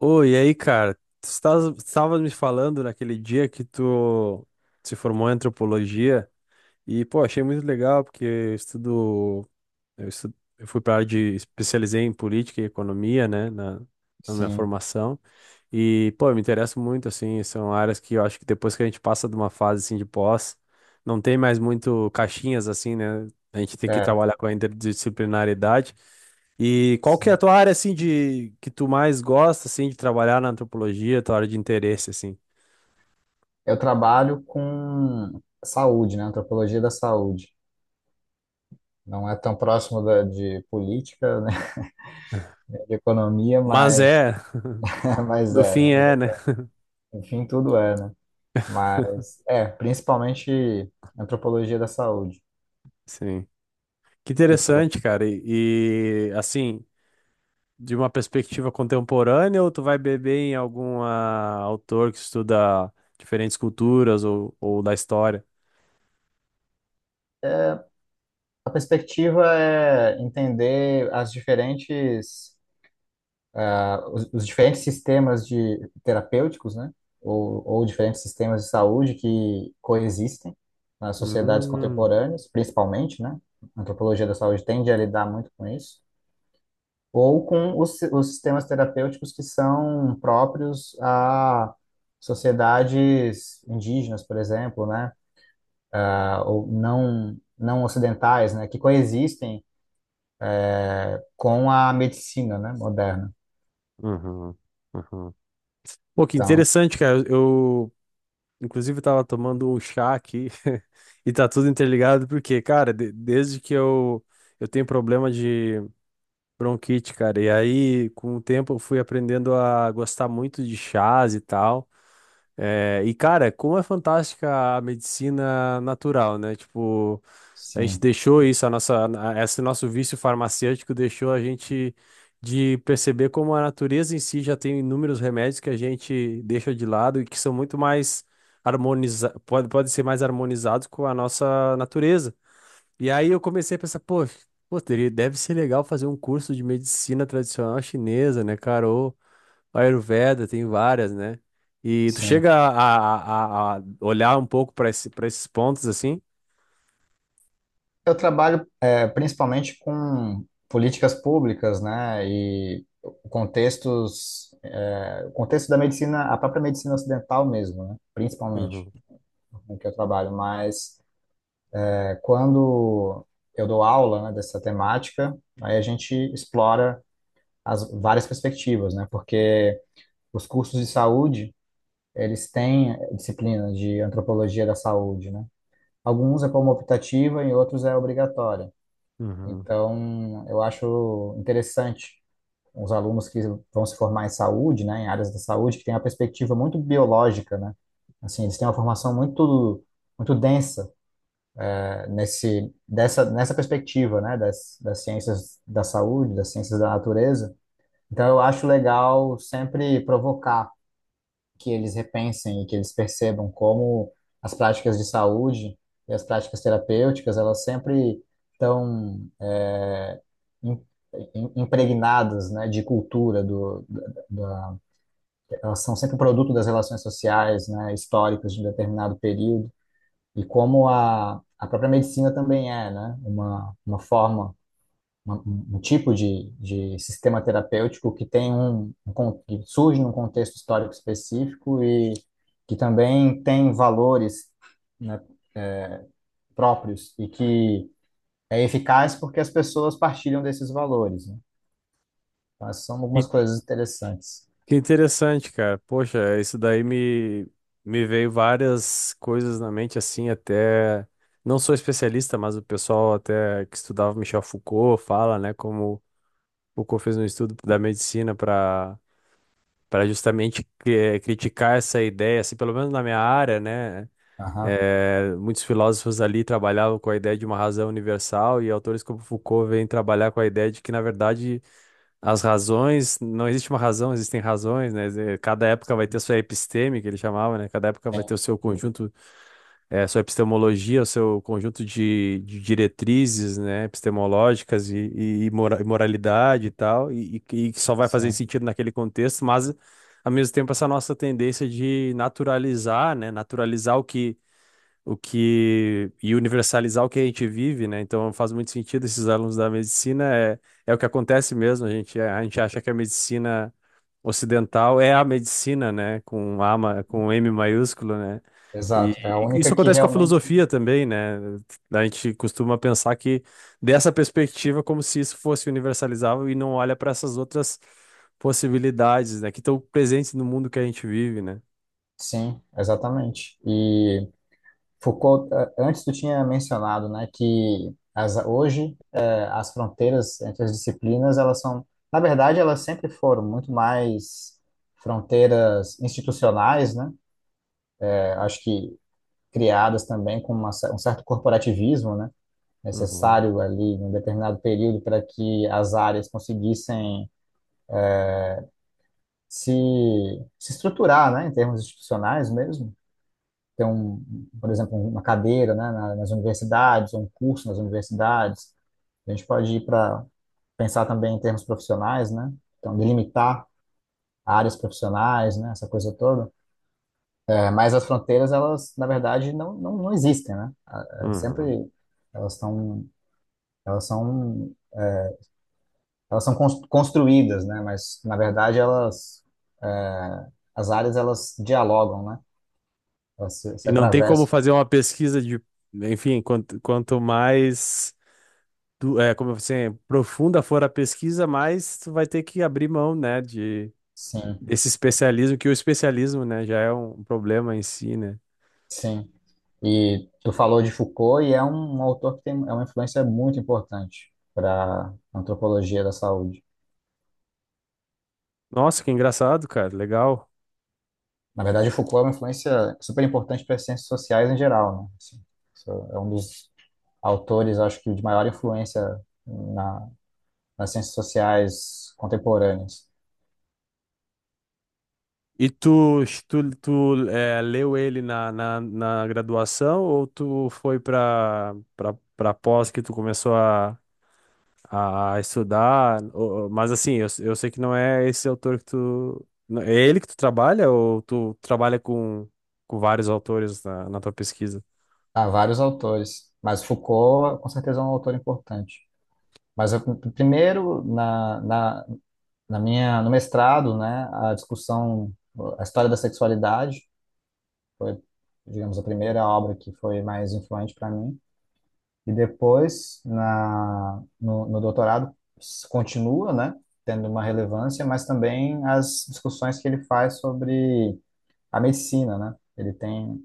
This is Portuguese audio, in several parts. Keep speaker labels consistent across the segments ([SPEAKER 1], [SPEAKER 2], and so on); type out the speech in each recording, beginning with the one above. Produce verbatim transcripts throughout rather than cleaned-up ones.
[SPEAKER 1] Oi, e aí, cara? Tu estava me falando naquele dia que tu se formou em antropologia e, pô, achei muito legal porque eu estudo, eu estu- eu fui para área de especializei em política e economia, né, na, na minha
[SPEAKER 2] Sim,
[SPEAKER 1] formação. E, pô, eu me interesso muito, assim, são áreas que eu acho que depois que a gente passa de uma fase, assim, de pós, não tem mais muito caixinhas, assim, né? A gente tem que
[SPEAKER 2] é,
[SPEAKER 1] trabalhar com a interdisciplinaridade. E qual que é a
[SPEAKER 2] sim.
[SPEAKER 1] tua área, assim, de que tu mais gosta, assim, de trabalhar na antropologia, tua área de interesse, assim?
[SPEAKER 2] Eu trabalho com saúde, né? Antropologia da saúde. Não é tão próximo da, de política, né? De economia,
[SPEAKER 1] Mas
[SPEAKER 2] mas,
[SPEAKER 1] é,
[SPEAKER 2] mas
[SPEAKER 1] no
[SPEAKER 2] é.
[SPEAKER 1] fim é,
[SPEAKER 2] né?
[SPEAKER 1] né?
[SPEAKER 2] Enfim, tudo é, né? Mas é, principalmente antropologia da saúde.
[SPEAKER 1] Sim. Que
[SPEAKER 2] E tu?
[SPEAKER 1] interessante, cara. E, e, assim, de uma perspectiva contemporânea ou tu vai beber em algum ah, autor que estuda diferentes culturas ou, ou da história?
[SPEAKER 2] A perspectiva é entender as diferentes ah, os, os diferentes sistemas de terapêuticos, né, ou, ou diferentes sistemas de saúde que coexistem nas sociedades
[SPEAKER 1] Hum,
[SPEAKER 2] contemporâneas, principalmente, né, a antropologia da saúde tende a lidar muito com isso, ou com os, si- os sistemas terapêuticos que são próprios a sociedades indígenas, por exemplo, né, ah, ou não não ocidentais, né, que coexistem com a medicina, né, moderna.
[SPEAKER 1] uhum, uhum. Pô, que
[SPEAKER 2] Então,
[SPEAKER 1] interessante, cara. Eu, Inclusive, eu tava tomando um chá aqui e tá tudo interligado, porque, cara, de- desde que eu, eu tenho problema de bronquite, cara, e aí com o tempo eu fui aprendendo a gostar muito de chás e tal. É, e, cara, como é fantástica a medicina natural, né? Tipo. A gente
[SPEAKER 2] sim,
[SPEAKER 1] deixou isso, a nossa, a- esse nosso vício farmacêutico deixou a gente de perceber como a natureza em si já tem inúmeros remédios que a gente deixa de lado e que são muito mais harmonizados, pode, pode ser mais harmonizados com a nossa natureza. E aí eu comecei a pensar, pô, pô, teria- deve ser legal fazer um curso de medicina tradicional chinesa, né, cara? Ou Ayurveda, tem várias, né? E tu
[SPEAKER 2] sim.
[SPEAKER 1] chega a, a- a- a olhar um pouco para esse, para esses pontos assim?
[SPEAKER 2] Eu trabalho eh, principalmente com políticas públicas, né, e contextos, eh, o contexto da medicina, a própria medicina ocidental mesmo, né, principalmente,
[SPEAKER 1] Uhum,
[SPEAKER 2] com que eu trabalho. Mas eh, quando eu dou aula, né, dessa temática, aí a gente explora as várias perspectivas, né, porque os cursos de saúde, eles têm disciplina de antropologia da saúde, né. Alguns é como optativa e outros é obrigatória.
[SPEAKER 1] uhum.
[SPEAKER 2] Então, eu acho interessante os alunos que vão se formar em saúde, né, em áreas da saúde, que têm uma perspectiva muito biológica, né? Assim, eles têm uma formação muito muito densa eh, nesse dessa nessa perspectiva, né, das, das ciências da saúde, das ciências da natureza. Então, eu acho legal sempre provocar que eles repensem e que eles percebam como as práticas de saúde e as práticas terapêuticas, elas sempre estão é, im- im- impregnadas, né, de cultura, do, da, da- elas são sempre produto das relações sociais, né, históricas de um determinado período, e como a, a própria medicina também é, né, uma, uma forma uma- um um tipo de, de sistema terapêutico que tem um, um con- que surge num contexto histórico específico e que também tem valores, né, próprios e que é eficaz porque as pessoas partilham desses valores, né? Então, essas são algumas coisas interessantes.
[SPEAKER 1] Que interessante, cara. Poxa, isso daí me, me veio várias coisas na mente, assim, até. Não sou especialista, mas o pessoal até que estudava Michel Foucault fala, né, como Foucault fez um estudo da medicina para para justamente eh, criticar essa ideia, assim, pelo menos na minha área, né?
[SPEAKER 2] Aham.
[SPEAKER 1] eh, muitos filósofos ali trabalhavam com a ideia de uma razão universal e autores como Foucault vêm trabalhar com a ideia de que, na verdade, as razões, não existe uma razão, existem razões, né? Eh, Cada época vai ter sua episteme, que ele chamava, né? Cada época vai ter
[SPEAKER 2] Sim,
[SPEAKER 1] o seu conjunto, eh, sua epistemologia, o seu conjunto de, de diretrizes, né? Epistemológicas e, e, e mora- e moralidade e tal, e, e que só vai fazer
[SPEAKER 2] sim,
[SPEAKER 1] sentido naquele contexto, mas, ao mesmo tempo, essa nossa tendência de naturalizar, né? Naturalizar o que o que e universalizar o que a gente vive, né? Então faz muito sentido esses alunos da medicina é, é o que acontece mesmo. A gente a gente acha que a medicina ocidental é a medicina, né? Com A ma- com M maiúsculo, né? E
[SPEAKER 2] exato. É a
[SPEAKER 1] e isso
[SPEAKER 2] única que
[SPEAKER 1] acontece com a
[SPEAKER 2] realmente.
[SPEAKER 1] filosofia também, né? A gente costuma pensar que dessa perspectiva como se isso fosse universalizável e não olha para essas outras possibilidades, né? Que estão presentes no mundo que a gente vive, né?
[SPEAKER 2] Sim, exatamente. E Foucault, eh, antes tu tinha mencionado, né, que as, hoje as fronteiras entre as disciplinas, elas são, na verdade, elas sempre foram muito mais fronteiras institucionais, né? É, acho que criadas também com uma cer- um certo corporativismo, né?
[SPEAKER 1] Uhum,
[SPEAKER 2] Necessário ali em um determinado período para que as áreas conseguissem se, se estruturar, né? Em termos institucionais mesmo. Ter um, por exemplo, uma cadeira, né? na- Nas universidades, um curso nas universidades. A gente pode ir para pensar também em termos profissionais, né? Então, delimitar áreas profissionais, né, essa coisa toda. É, mas as fronteiras, elas, na verdade, não, não, não existem, né? Ah, é,
[SPEAKER 1] uhum.
[SPEAKER 2] sempre elas estão, elas são, elas são cons- construídas, né? Mas, na verdade, elas, é, as áreas, elas dialogam, né? Elas se,
[SPEAKER 1] E
[SPEAKER 2] se
[SPEAKER 1] não tem como
[SPEAKER 2] atravessam.
[SPEAKER 1] fazer uma pesquisa de, enfim, quanto, quanto mais du- é, como assim, profunda for a pesquisa, mais tu vai ter que abrir mão, né, de
[SPEAKER 2] Sim,
[SPEAKER 1] desse especialismo, que o especialismo, né, já é um problema em si, né?
[SPEAKER 2] sim. E tu falou de Foucault e é um, um autor que tem, é uma influência muito importante para a antropologia da saúde.
[SPEAKER 1] Nossa, que engraçado, cara, legal.
[SPEAKER 2] Na verdade, o Foucault é uma influência super importante para as ciências sociais em geral, né? Assim, isso é um dos autores, acho que, de maior influência na, nas ciências sociais contemporâneas.
[SPEAKER 1] E tu, tu, tu é, leu ele na, na, na graduação ou tu foi para para pós que tu começou a, a estudar, o- o- mas assim, eu, eu sei que não é esse autor que tu. não- É ele que tu trabalha ou tu trabalha com, com vários autores na, na tua pesquisa?
[SPEAKER 2] Há vários autores, mas Foucault, com certeza, é um autor importante. Mas eu, primeiro, na, na, na minha, no mestrado, né, a discussão, a História da Sexualidade foi, digamos, a primeira obra que foi mais influente para mim. E depois, na, no, no doutorado, s- continua, né, tendo uma relevância, mas também as discussões que ele faz sobre a medicina, né? Ele tem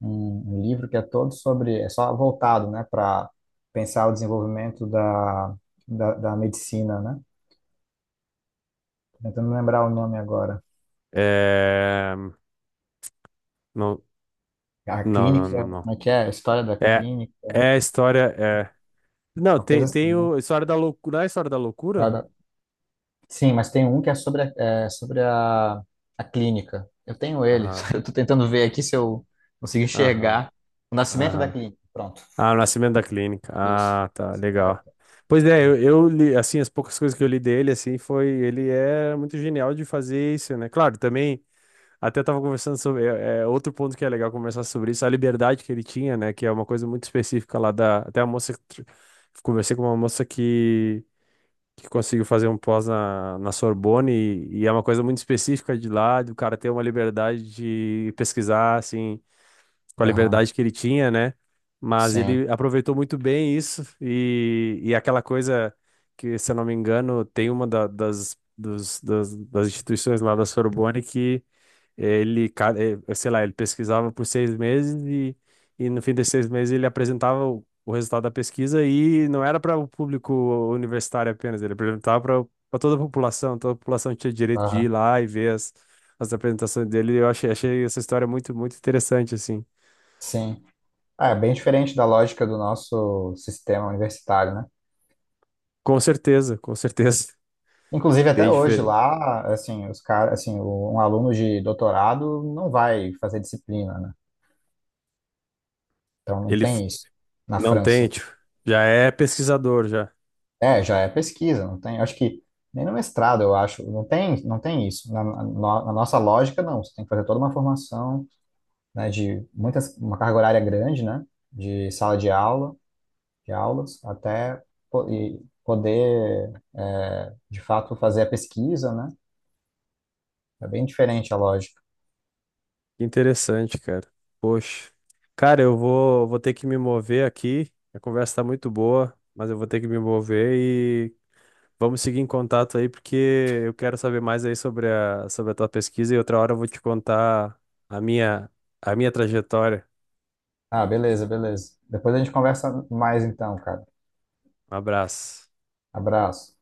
[SPEAKER 2] um, um livro que é todo sobre, é só voltado, né, para pensar o desenvolvimento da, da, da medicina, né? Tô Tentando lembrar o nome agora.
[SPEAKER 1] É... Não,
[SPEAKER 2] A
[SPEAKER 1] não, não,
[SPEAKER 2] clínica,
[SPEAKER 1] não, não.
[SPEAKER 2] como é que é? A história da
[SPEAKER 1] É,
[SPEAKER 2] clínica,
[SPEAKER 1] é a história. É... Não,
[SPEAKER 2] uma coisa
[SPEAKER 1] tem,
[SPEAKER 2] assim,
[SPEAKER 1] tem o História da Loucura. Não é a História da Loucura?
[SPEAKER 2] né? Sim, mas tem um que é sobre a, é, sobre a, a clínica. Eu tenho ele.
[SPEAKER 1] Aham,
[SPEAKER 2] Eu tô tentando ver aqui se eu consigo
[SPEAKER 1] aham,
[SPEAKER 2] enxergar o nascimento da
[SPEAKER 1] aham.
[SPEAKER 2] clínica. Pronto.
[SPEAKER 1] Ah, o Nascimento da Clínica.
[SPEAKER 2] Isso.
[SPEAKER 1] Ah,
[SPEAKER 2] O
[SPEAKER 1] tá,
[SPEAKER 2] Nascimento da
[SPEAKER 1] legal.
[SPEAKER 2] clínica.
[SPEAKER 1] Pois é,
[SPEAKER 2] né?
[SPEAKER 1] eu, eu li, assim, as poucas coisas que eu li dele, assim, foi, ele é muito genial de fazer isso, né? Claro, também. Até tava conversando sobre. É, é, outro ponto que é legal conversar sobre isso, a liberdade que ele tinha, né? Que é uma coisa muito específica lá da. Até a moça que tr- conversei com uma moça que, que conseguiu fazer um pós na, na Sorbonne, e, e é uma coisa muito específica de lá, do cara ter uma liberdade de pesquisar, assim, com a
[SPEAKER 2] Aham.
[SPEAKER 1] liberdade que ele tinha, né? Mas
[SPEAKER 2] Sim.
[SPEAKER 1] ele aproveitou muito bem isso, e, e aquela coisa que, se eu não me engano, tem uma da- das, dos, das, das instituições lá da Sorbonne que ele, ca- eh, sei lá, ele pesquisava por seis meses e, e no fim desses seis meses ele apresentava o, o resultado da pesquisa e não era para o público universitário apenas, ele apresentava para toda a população, toda a população tinha direito de ir
[SPEAKER 2] Aham.
[SPEAKER 1] lá e ver as, as apresentações dele. Eu achei, achei essa história muito, muito interessante, assim.
[SPEAKER 2] Sim. Ah, é bem diferente da lógica do nosso sistema universitário, né?
[SPEAKER 1] Com certeza, com certeza.
[SPEAKER 2] Inclusive, até
[SPEAKER 1] Bem
[SPEAKER 2] hoje
[SPEAKER 1] diferente.
[SPEAKER 2] lá, assim, os caras, assim, o- um aluno de doutorado não vai fazer disciplina, né? Então, não
[SPEAKER 1] Ele f-
[SPEAKER 2] tem isso na
[SPEAKER 1] não tem,
[SPEAKER 2] França.
[SPEAKER 1] tipo, já é pesquisador, já.
[SPEAKER 2] É, já é pesquisa, não tem. Acho que nem no mestrado, eu acho, não tem, não tem isso. Na, na- na nossa lógica, não. Você tem que fazer toda uma formação, né, de muitas, uma carga horária grande, né, de sala de aula, de aulas, até po- e poder, é, de fato, fazer a pesquisa, né? É bem diferente a lógica.
[SPEAKER 1] Que interessante, cara. Poxa. Cara, eu vou, vou ter que me mover aqui. A conversa tá muito boa, mas eu vou ter que me mover e vamos seguir em contato aí, porque eu quero saber mais aí sobre a, sobre a tua pesquisa e outra hora eu vou te contar a minha, a minha trajetória.
[SPEAKER 2] Ah, beleza, beleza. Depois a gente conversa mais então, cara.
[SPEAKER 1] Um abraço.
[SPEAKER 2] Abraço.